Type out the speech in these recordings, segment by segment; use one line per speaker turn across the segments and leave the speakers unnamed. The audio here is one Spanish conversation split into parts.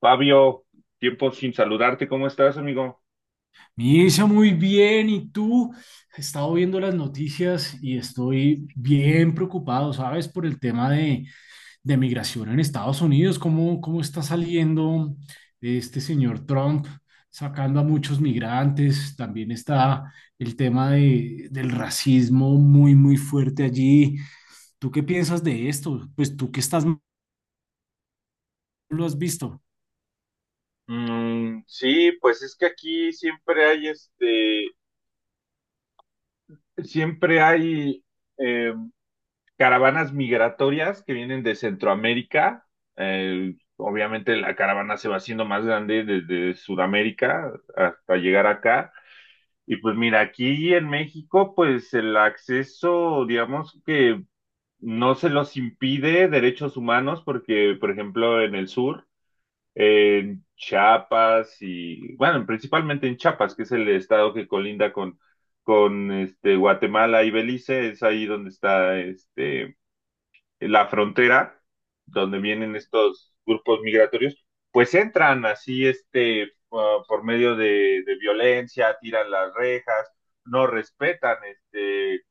Fabio, tiempo sin saludarte, ¿cómo estás, amigo?
Misa, muy bien. ¿Y tú? He estado viendo las noticias y estoy bien preocupado, ¿sabes? Por el tema de migración en Estados Unidos. ¿Cómo está saliendo este señor Trump sacando a muchos migrantes? También está el tema del racismo muy fuerte allí. ¿Tú qué piensas de esto? Pues tú que estás, lo has visto.
Mm, sí, pues es que aquí siempre hay siempre hay eh, caravanas migratorias que vienen de Centroamérica. Obviamente la caravana se va haciendo más grande desde Sudamérica hasta llegar acá. Y pues mira, aquí en México, pues el acceso, digamos que no se los impide derechos humanos, porque por ejemplo en el sur en Chiapas y, bueno, principalmente en Chiapas, que es el estado que colinda con Guatemala y Belice, es ahí donde está la frontera, donde vienen estos grupos migratorios, pues entran así por medio de violencia, tiran las rejas, no respetan este,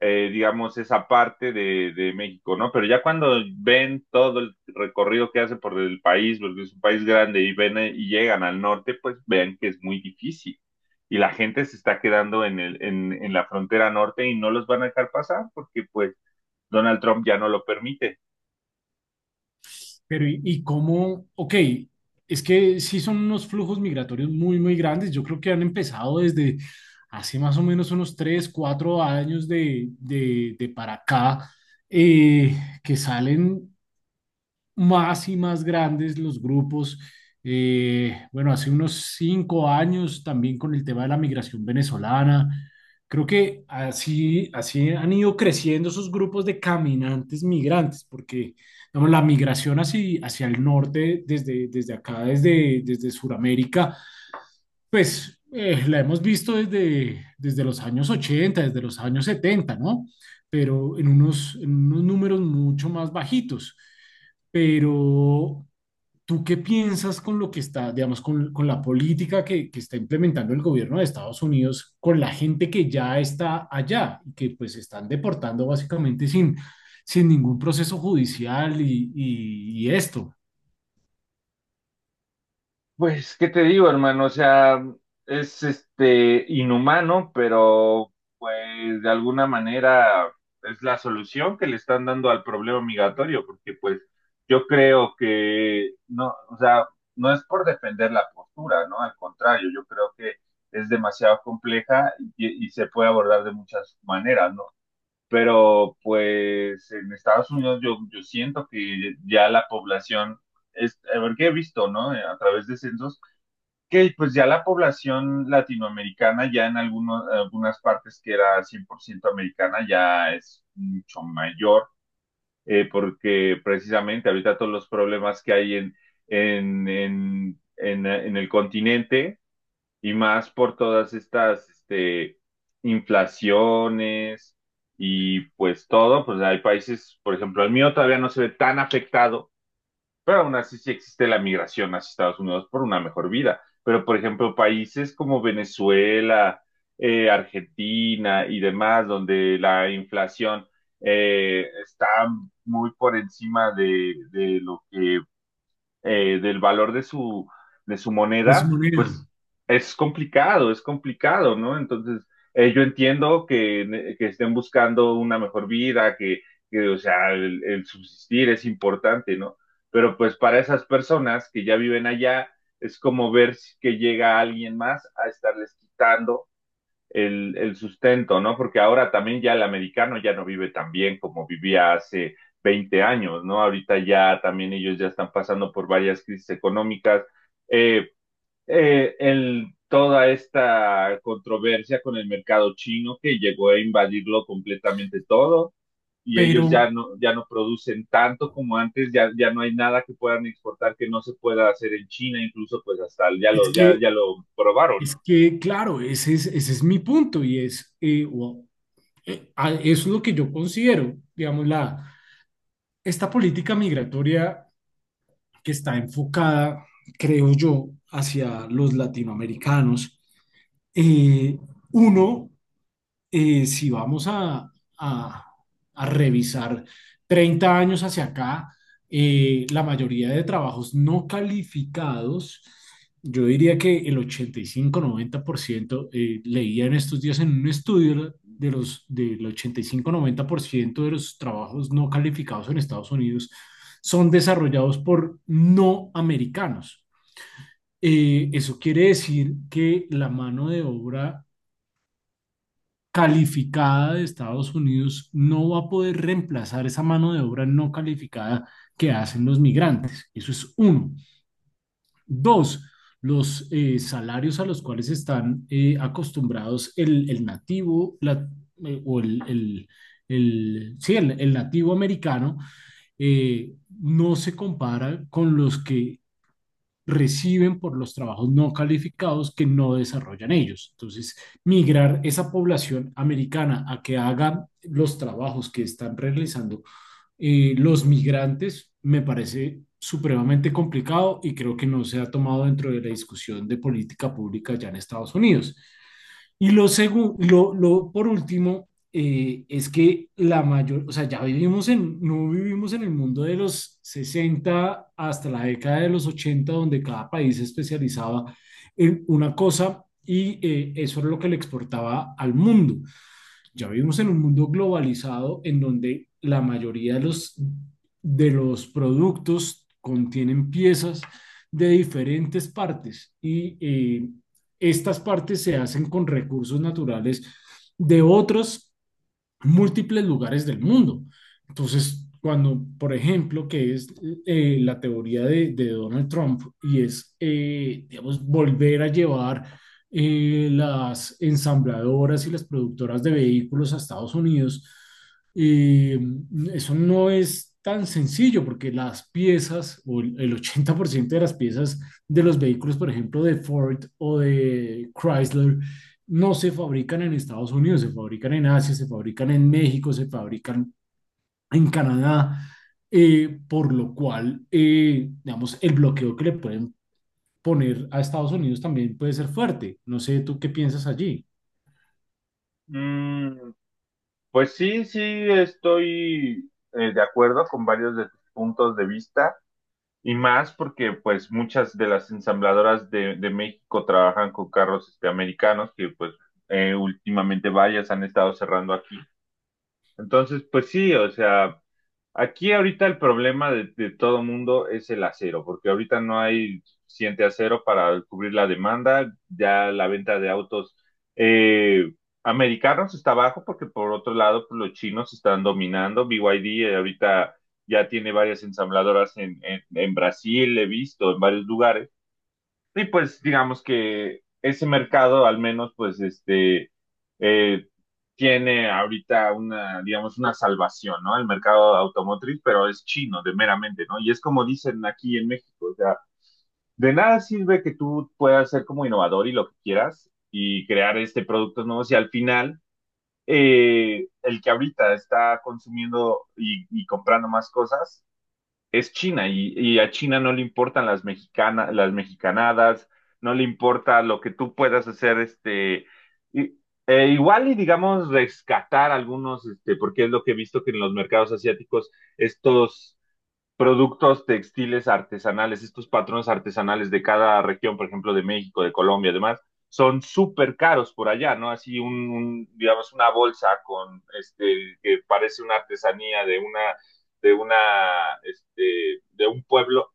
eh, digamos, esa parte de México, ¿no? Pero ya cuando ven todo el recorrido que hace por el país, porque es un país grande, y ven y llegan al norte, pues vean que es muy difícil. Y la gente se está quedando en en la frontera norte y no los van a dejar pasar porque pues Donald Trump ya no lo permite.
Pero y cómo? Ok, es que sí son unos flujos migratorios muy grandes. Yo creo que han empezado desde hace más o menos unos 3 4 años de para acá, eh, que salen más y más grandes los grupos. Bueno, hace unos cinco años también con el tema de la migración venezolana. Creo que así han ido creciendo esos grupos de caminantes migrantes, porque digamos, la migración hacia el norte, desde acá, desde Sudamérica, pues la hemos visto desde los años 80, desde los años 70, ¿no? Pero en unos números mucho más bajitos. Pero, ¿tú qué piensas con lo que está, digamos, con la política que está implementando el gobierno de Estados Unidos, con la gente que ya está allá y que pues están deportando básicamente sin ningún proceso judicial y esto,
Pues, ¿qué te digo, hermano? O sea, es inhumano, pero pues de alguna manera es la solución que le están dando al problema migratorio, porque pues yo creo que no, o sea, no es por defender la postura, ¿no? Al contrario, yo creo que es demasiado compleja y se puede abordar de muchas maneras, ¿no? Pero pues en Estados Unidos yo siento que ya la población es, a ver, que he visto, ¿no? A través de censos que pues ya la población latinoamericana, ya en algunas partes que era 100% americana, ya es mucho mayor, porque precisamente ahorita todos los problemas que hay en el continente y más por todas estas inflaciones y pues todo, pues hay países, por ejemplo, el mío todavía no se ve tan afectado pero aún así sí existe la migración hacia Estados Unidos por una mejor vida. Pero, por ejemplo, países como Venezuela, Argentina y demás, donde la inflación está muy por encima de lo que del valor de su
de su
moneda,
manera?
pues es complicado, ¿no? Entonces, yo entiendo que estén buscando una mejor vida, que o sea, el subsistir es importante, ¿no? Pero pues para esas personas que ya viven allá, es como ver si- que llega alguien más a estarles quitando sustento, ¿no? Porque ahora también ya el americano ya no vive tan bien como vivía hace 20 años, ¿no? Ahorita ya también ellos ya están pasando por varias crisis económicas. Eh, Toda esta controversia con el mercado chino que llegó a invadirlo completamente todo y
Pero
ellos ya no producen tanto como antes, ya no hay nada que puedan exportar que no se pueda hacer en China, incluso pues hasta
es que
ya lo probaron,
es
¿no?
que, claro, ese es mi punto y es, wow, eso es lo que yo considero, digamos, la, esta política migratoria que está enfocada, creo yo, hacia los latinoamericanos. eh, uno, si vamos a- a revisar 30 años hacia acá, la mayoría de trabajos no calificados, yo diría que el 85-90%, leía en estos días en un estudio del 85-90% de los trabajos no calificados en Estados Unidos son desarrollados por no americanos. Eso quiere decir que la mano de obra calificada de Estados Unidos no va a poder reemplazar esa mano de obra no calificada que hacen los migrantes. Eso es uno. Dos, los salarios a los cuales están acostumbrados el nativo la- o el- sí, el nativo americano, no se compara con los que reciben por los trabajos no calificados que no desarrollan ellos. Entonces, migrar esa población americana a que haga los trabajos que están realizando los migrantes me parece supremamente complicado y creo que no se ha tomado dentro de la discusión de política pública ya en Estados Unidos. Y lo segundo, por último, es que la mayor, o sea, ya vivimos en, no vivimos en el mundo de los 60 hasta la década de los 80 donde cada país se especializaba en una cosa y eso era lo que le exportaba al mundo. Ya vivimos en un mundo globalizado en donde la mayoría de los productos contienen piezas de diferentes partes y estas partes se hacen con recursos naturales de otros múltiples lugares del mundo. Entonces, cuando, por ejemplo, que es la teoría de Donald Trump y es, digamos, volver a llevar las ensambladoras y las productoras de vehículos a Estados Unidos, eh, eso no es tan sencillo porque las piezas o el 80% de las piezas de los vehículos, por ejemplo, de Ford o de Chrysler, no se fabrican en Estados Unidos, se fabrican en Asia, se fabrican en México, se fabrican en Canadá, por lo cual, digamos, el bloqueo que le pueden poner a Estados Unidos también puede ser fuerte. No sé, ¿tú qué piensas allí?
Mm, pues sí, sí, estoy de acuerdo con varios de tus puntos de vista y más porque pues muchas de las ensambladoras de México trabajan con carros americanos que pues últimamente varias han estado cerrando aquí. Entonces, pues sí, o sea, aquí ahorita el problema de todo mundo es el acero, porque ahorita no hay suficiente acero para cubrir la demanda, ya la venta de autos eh, americanos está bajo, porque por otro lado pues los chinos están dominando, BYD ahorita ya tiene varias ensambladoras en Brasil, he visto en varios lugares, y pues digamos que ese mercado al menos pues eh, tiene ahorita una, digamos, una salvación, ¿no? El mercado automotriz, pero es chino de meramente, ¿no? Y es como dicen aquí en México, o sea, de nada sirve que tú puedas ser como innovador y lo que quieras y crear productos nuevos y al final el que ahorita está consumiendo y comprando más cosas es China y a China no le importan las mexicanas, las mexicanadas, no le importa lo que tú puedas hacer, y- igual y digamos rescatar algunos, porque es lo que he visto que en los mercados asiáticos estos productos textiles artesanales, estos patrones artesanales de cada región, por ejemplo, de México, de Colombia, además, son súper caros por allá, ¿no? Así digamos, una bolsa con, que parece una artesanía de una, de un pueblo,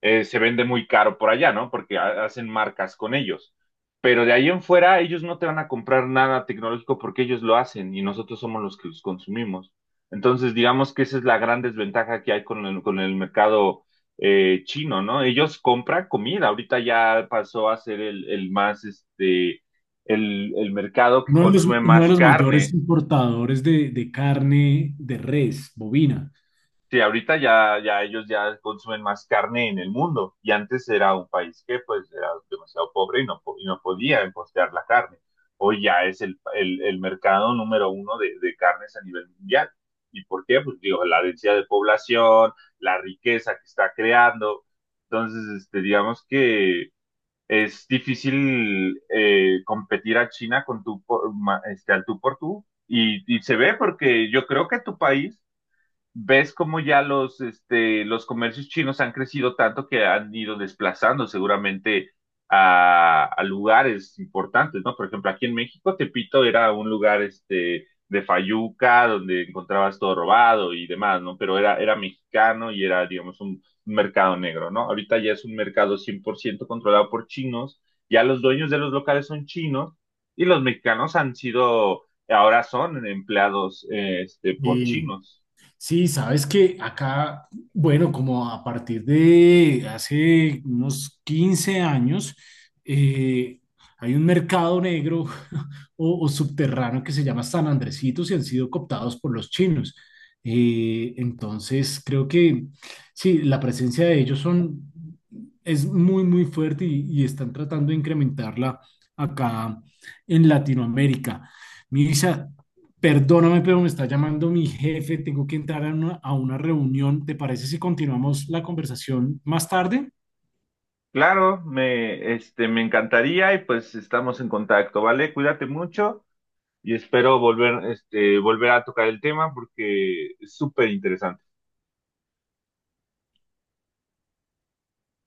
se vende muy caro por allá, ¿no? Porque hacen marcas con ellos. Pero de ahí en fuera, ellos no te van a comprar nada tecnológico porque ellos lo hacen y nosotros somos los que los consumimos. Entonces, digamos que esa es la gran desventaja que hay con el mercado chino, ¿no? Ellos compran comida. Ahorita ya pasó a ser el mercado que consume
Uno de
más
los mayores
carne.
importadores de carne de res, bovina.
Sí, ahorita ya ellos ya consumen más carne en el mundo y antes era un país que pues era demasiado pobre y y no podía importar la carne. Hoy ya es el mercado número uno de carnes a nivel mundial. ¿Y por qué? Pues digo, la densidad de población, la riqueza que está creando. Entonces, digamos que es difícil competir a China con tu, al tú por tú. Y se ve porque yo creo que tu país ves cómo ya los comercios chinos han crecido tanto que han ido desplazando seguramente a lugares importantes, ¿no? Por ejemplo, aquí en México, Tepito era un lugar, de Fayuca, donde encontrabas todo robado y demás, ¿no? Pero era, era mexicano y era, digamos, un mercado negro, ¿no? Ahorita ya es un mercado 100% controlado por chinos, ya los dueños de los locales son chinos y los mexicanos han sido, ahora son empleados, por chinos.
Sí, sabes que acá, bueno, como a partir de hace unos 15 años, eh, hay un mercado negro o subterráneo que se llama San Andresitos y han sido cooptados por los chinos. Entonces, creo que sí, la presencia de ellos son, es muy fuerte y están tratando de incrementarla acá en Latinoamérica. Mirisa, perdóname, pero me está llamando mi jefe. Tengo que entrar a una reunión. ¿Te parece si continuamos la conversación más tarde?
Claro, me encantaría y pues estamos en contacto, ¿vale? Cuídate mucho y espero volver, volver a tocar el tema porque es súper interesante.